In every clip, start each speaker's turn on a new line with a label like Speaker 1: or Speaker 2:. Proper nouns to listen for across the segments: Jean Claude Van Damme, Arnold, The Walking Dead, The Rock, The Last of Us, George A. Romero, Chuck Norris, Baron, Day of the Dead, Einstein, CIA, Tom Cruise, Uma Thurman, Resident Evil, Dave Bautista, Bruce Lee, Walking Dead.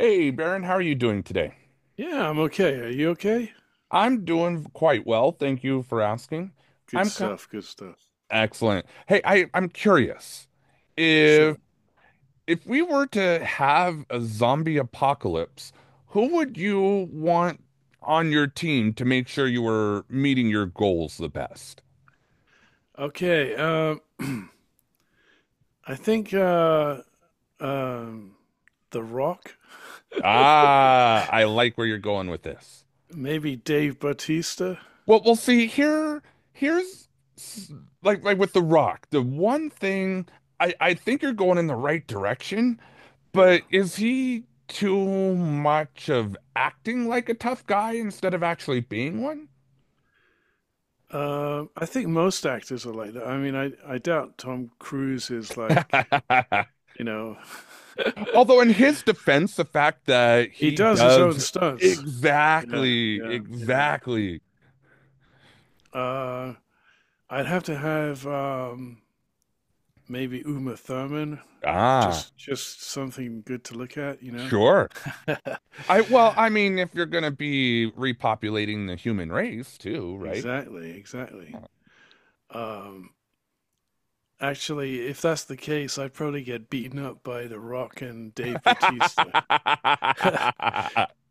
Speaker 1: Hey, Baron, how are you doing today?
Speaker 2: Yeah, I'm okay. Are you okay?
Speaker 1: I'm doing quite well, thank you for asking.
Speaker 2: Good
Speaker 1: I'm co-
Speaker 2: stuff. Good stuff.
Speaker 1: Excellent. Hey, I'm curious. If
Speaker 2: Sure.
Speaker 1: if we were to have a zombie apocalypse, who would you want on your team to make sure you were meeting your goals the best?
Speaker 2: Okay. I think um, The Rock,
Speaker 1: Ah, I like where you're going with this.
Speaker 2: maybe Dave Bautista.
Speaker 1: Well, we'll see. Here's s- like with The Rock, the one thing I think you're going in the right direction.
Speaker 2: Yeah.
Speaker 1: But is he too much of acting like a tough guy instead of actually being one?
Speaker 2: I think most actors are like that. I mean, I doubt Tom Cruise is like, you know,
Speaker 1: Although, in his defense, the fact that
Speaker 2: he
Speaker 1: he
Speaker 2: does his own
Speaker 1: does
Speaker 2: stunts. Yeah,
Speaker 1: exactly,
Speaker 2: yeah, yeah.
Speaker 1: exactly.
Speaker 2: Uh, I'd have to have maybe Uma Thurman.
Speaker 1: Ah,
Speaker 2: Just something good to look at, you know?
Speaker 1: sure. Well, I mean, if you're gonna be repopulating the human race too, right?
Speaker 2: Exactly, exactly. Um, Actually, if that's the case, I'd probably get beaten up by The Rock and Dave Bautista,
Speaker 1: I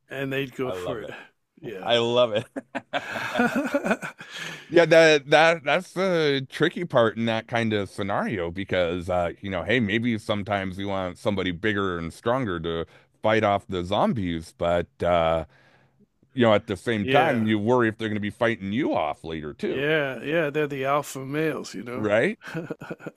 Speaker 2: and they'd go
Speaker 1: love
Speaker 2: for it.
Speaker 1: it.
Speaker 2: Yeah.
Speaker 1: I love it. Yeah, that's the tricky part in that kind of scenario because you know, hey, maybe sometimes you want somebody bigger and stronger to fight off the zombies, but you know, at the same time,
Speaker 2: Yeah.
Speaker 1: you worry if they're going to be fighting you off later too,
Speaker 2: Yeah, yeah, they're the alpha males, you know.
Speaker 1: right?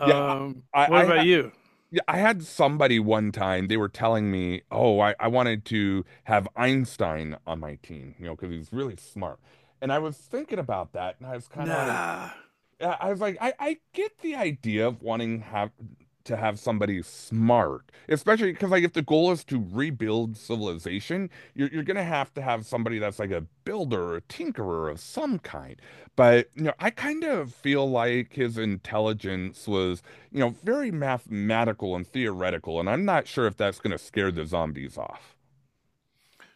Speaker 1: Yeah,
Speaker 2: What
Speaker 1: I
Speaker 2: about
Speaker 1: ha
Speaker 2: you?
Speaker 1: yeah, I had somebody one time, they were telling me, "Oh, I wanted to have Einstein on my team, you know, because he's really smart." And I was thinking about that, and I was kind of like
Speaker 2: Nah.
Speaker 1: I I was like, I get the idea of wanting have to have somebody smart, especially because like if the goal is to rebuild civilization, you're gonna have to have somebody that's like a builder or a tinkerer of some kind. But you know, I kind of feel like his intelligence was, you know, very mathematical and theoretical, and I'm not sure if that's gonna scare the zombies off.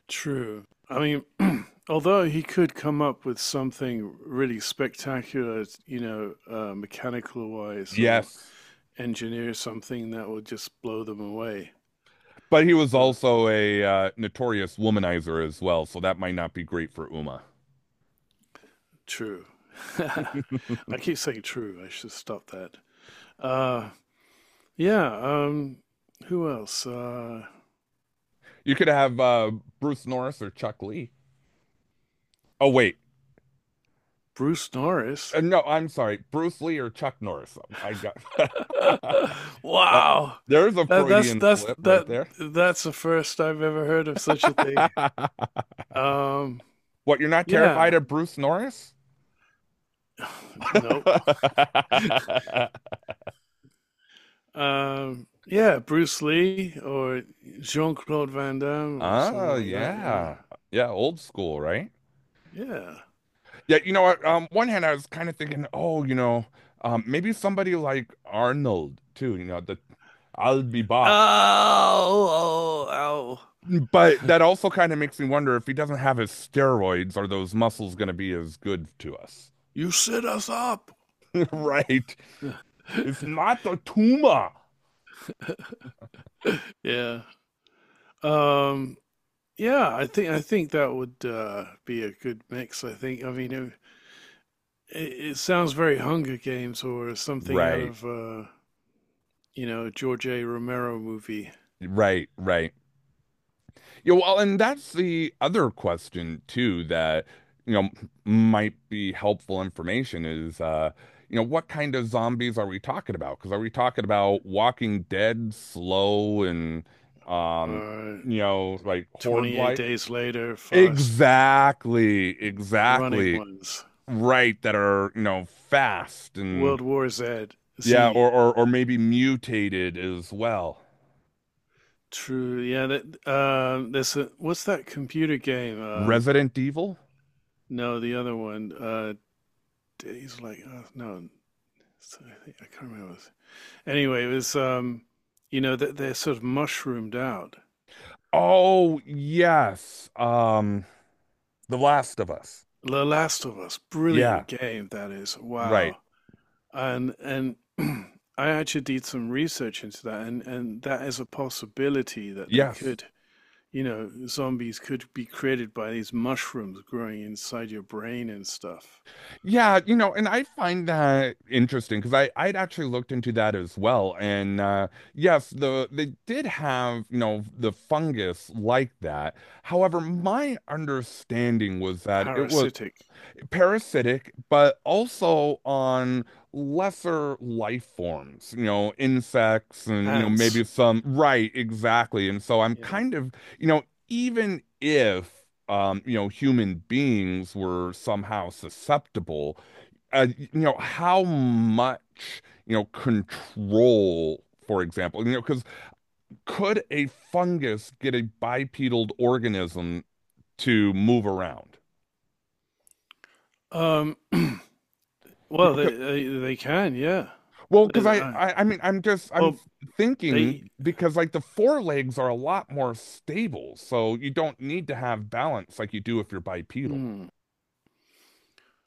Speaker 2: True. I mean, although he could come up with something really spectacular, mechanical wise, or
Speaker 1: Yes.
Speaker 2: engineer something that will just blow them away.
Speaker 1: But he was
Speaker 2: So
Speaker 1: also a notorious womanizer as well, so that might not be great for Uma.
Speaker 2: true. I keep saying true. I should stop that. Uh, yeah. Who else?
Speaker 1: You could have Bruce Norris or Chuck Lee. Oh wait,
Speaker 2: Bruce Norris.
Speaker 1: no, I'm sorry, Bruce Lee or Chuck Norris. I got well.
Speaker 2: Wow.
Speaker 1: There's a
Speaker 2: That that's
Speaker 1: Freudian
Speaker 2: that's
Speaker 1: slip right
Speaker 2: that
Speaker 1: there.
Speaker 2: that's the first I've ever heard of such a thing. Um,
Speaker 1: what, you're not terrified
Speaker 2: yeah.
Speaker 1: of Bruce Norris?
Speaker 2: Nope. Yeah, Bruce Lee or Jean Claude Van Damme or
Speaker 1: Oh,
Speaker 2: someone like that, you know.
Speaker 1: yeah. Yeah, old school, right?
Speaker 2: Yeah.
Speaker 1: Yeah, you know what? One hand, I was kind of thinking, oh, you know, maybe somebody like Arnold too. You know, the I'll be back.
Speaker 2: Oh, oh, ow.
Speaker 1: But that also kind of makes me wonder if he doesn't have his steroids, are those muscles going to be as good to us?
Speaker 2: You set us up.
Speaker 1: right? It's not the tumor.
Speaker 2: Yeah. Um, yeah, I think that would be a good mix, I think. I mean, it sounds very Hunger Games or something out
Speaker 1: Right,
Speaker 2: of you know, George A. Romero movie
Speaker 1: right, right. Yeah, well, and that's the other question too that, you know, might be helpful information is, you know, what kind of zombies are we talking about? Because are we talking about Walking Dead, slow and, um,
Speaker 2: or
Speaker 1: you know, like horde
Speaker 2: 28
Speaker 1: like?
Speaker 2: Days Later, Fast
Speaker 1: Exactly,
Speaker 2: Running
Speaker 1: exactly.
Speaker 2: Ones.
Speaker 1: Right, that are, you know, fast and
Speaker 2: World War Z.
Speaker 1: yeah,
Speaker 2: Z.
Speaker 1: or maybe mutated as well.
Speaker 2: True. Yeah. That. There's a. What's that computer game?
Speaker 1: Resident Evil.
Speaker 2: No, the other one. He's like. Oh, no. it's- I can't remember. Anyway, it was. You know that they're sort of mushroomed out.
Speaker 1: Oh yes, the last of us.
Speaker 2: The Last of Us.
Speaker 1: Yeah.
Speaker 2: Brilliant game that is.
Speaker 1: Right.
Speaker 2: Wow. And and. I actually did some research into that, and that is a possibility that they
Speaker 1: Yes.
Speaker 2: could you know, zombies could be created by these mushrooms growing inside your brain and stuff.
Speaker 1: Yeah, you know, and I find that interesting because I'd actually looked into that as well, and yes, they did have, you know, the fungus like that. However, my understanding was that it was
Speaker 2: Parasitic
Speaker 1: parasitic, but also on lesser life forms, you know, insects and, you know,
Speaker 2: ants.
Speaker 1: maybe some, right, exactly. And so I'm
Speaker 2: Yeah.
Speaker 1: kind of, you know, even if you know, human beings were somehow susceptible. You know, how much, you know, control, for example, you know, because could a fungus get a bipedal organism to move around?
Speaker 2: Um. Well, they can. Yeah.
Speaker 1: Well,
Speaker 2: They-
Speaker 1: because
Speaker 2: they- uh,
Speaker 1: I mean, I'm just, I'm
Speaker 2: well, they.
Speaker 1: thinking because like the forelegs are a lot more stable, so you don't need to have balance like you do if you're bipedal.
Speaker 2: Mm,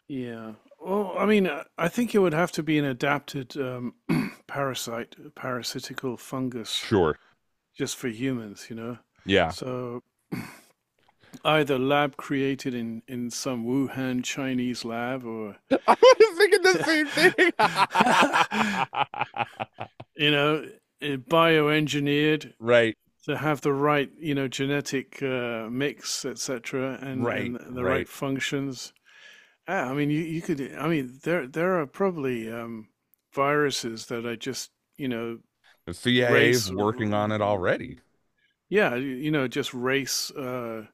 Speaker 2: yeah. Well, I mean, I think it would have to be an adapted parasite, parasitical fungus,
Speaker 1: Sure.
Speaker 2: just for humans. You know.
Speaker 1: Yeah.
Speaker 2: So either lab created in some Wuhan Chinese lab or
Speaker 1: I was thinking the same thing.
Speaker 2: you know, bioengineered
Speaker 1: Right,
Speaker 2: to have the right, you know, genetic mix, etc., and
Speaker 1: right,
Speaker 2: the right
Speaker 1: right.
Speaker 2: functions. I mean, you could. I mean, there are probably viruses that are just, you know,
Speaker 1: The CIA is
Speaker 2: race.
Speaker 1: working on it already.
Speaker 2: Yeah, you know, just race. Uh,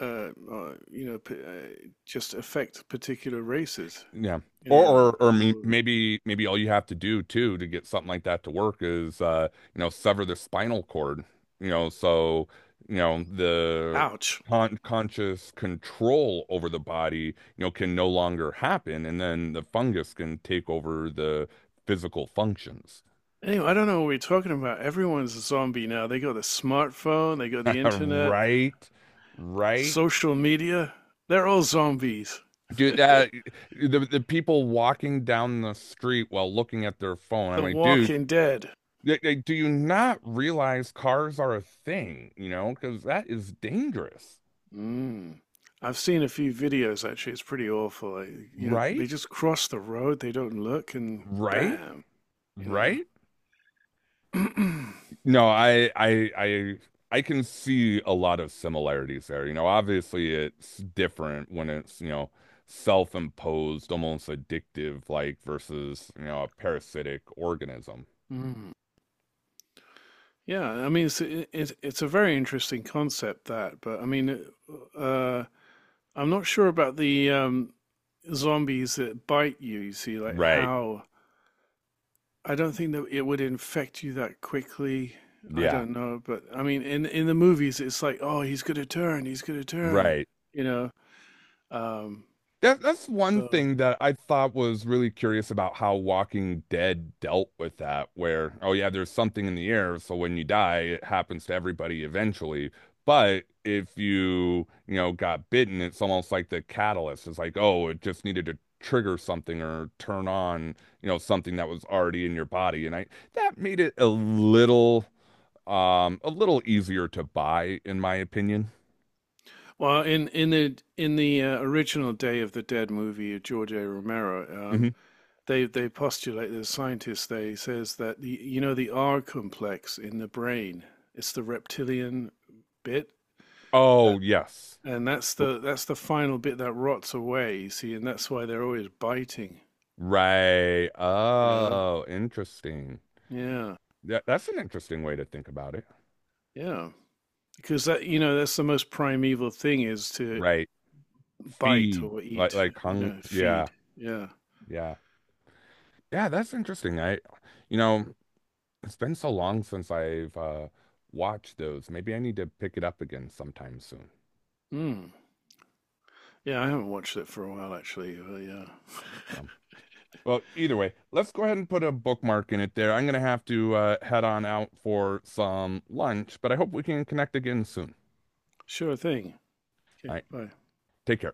Speaker 2: uh, uh, You know, just affect particular races.
Speaker 1: Yeah.
Speaker 2: You know, or
Speaker 1: Maybe maybe all you have to do too to get something like that to work is you know, sever the spinal cord, you know, so you know the
Speaker 2: ouch.
Speaker 1: conscious control over the body, you know, can no longer happen, and then the fungus can take over the physical functions.
Speaker 2: Anyway, I don't know what we're talking about. Everyone's a zombie now. They go the smartphone, they go the internet,
Speaker 1: right. Right.
Speaker 2: social media. They're all zombies.
Speaker 1: Dude, that, the people walking down the street while looking at their phone, I'm
Speaker 2: The
Speaker 1: like, dude,
Speaker 2: Walking Dead.
Speaker 1: like, do you not realize cars are a thing, you know? Because that is dangerous,
Speaker 2: Mm. I've seen a few videos actually. It's pretty awful. Like, you know, they
Speaker 1: right?
Speaker 2: just cross the road. They don't look, and
Speaker 1: Right?
Speaker 2: bam. You
Speaker 1: Right?
Speaker 2: know.
Speaker 1: No, I can see a lot of similarities there. You know, obviously it's different when it's, you know, self-imposed, almost addictive, like versus, you know, a parasitic organism.
Speaker 2: Mm. Yeah, I mean, it's a very interesting concept that, but I mean, uh, I'm not sure about the zombies that bite you. You see, like
Speaker 1: Right.
Speaker 2: how I don't think that it would infect you that quickly. I
Speaker 1: Yeah.
Speaker 2: don't know, but I mean, in the movies, it's like, oh, he's gonna turn,
Speaker 1: Right.
Speaker 2: you know. Um,
Speaker 1: That's one
Speaker 2: so,
Speaker 1: thing that I thought was really curious about how Walking Dead dealt with that, where, oh yeah, there's something in the air, so when you die, it happens to everybody eventually. But if you, you know, got bitten, it's almost like the catalyst. It's like, oh, it just needed to trigger something or turn on, you know, something that was already in your body. And I that made it a little easier to buy, in my opinion.
Speaker 2: well, in the original Day of the Dead movie, of George A. Romero,
Speaker 1: Hmm.
Speaker 2: they postulate the scientist. They says that the you know the R complex in the brain, it's the reptilian bit
Speaker 1: Oh,
Speaker 2: that,
Speaker 1: yes.
Speaker 2: and that's the final bit that rots away. You see, and that's why they're always biting.
Speaker 1: Right.
Speaker 2: You know,
Speaker 1: Oh, interesting.
Speaker 2: Yeah,
Speaker 1: Yeah, that's an interesting way to think about it.
Speaker 2: yeah. Because that, you know, that's the most primeval thing is to
Speaker 1: Right.
Speaker 2: bite
Speaker 1: Feed.
Speaker 2: or eat,
Speaker 1: Like
Speaker 2: you
Speaker 1: hung
Speaker 2: know,
Speaker 1: yeah.
Speaker 2: feed. Yeah.
Speaker 1: Yeah. Yeah, that's interesting. You know, it's been so long since I've watched those. Maybe I need to pick it up again sometime soon.
Speaker 2: Mm. Yeah, I haven't watched it for a while actually, but yeah.
Speaker 1: Um, well, either way, let's go ahead and put a bookmark in it there. I'm gonna have to head on out for some lunch, but I hope we can connect again soon.
Speaker 2: Sure thing.
Speaker 1: All
Speaker 2: Okay,
Speaker 1: right.
Speaker 2: bye.
Speaker 1: Take care.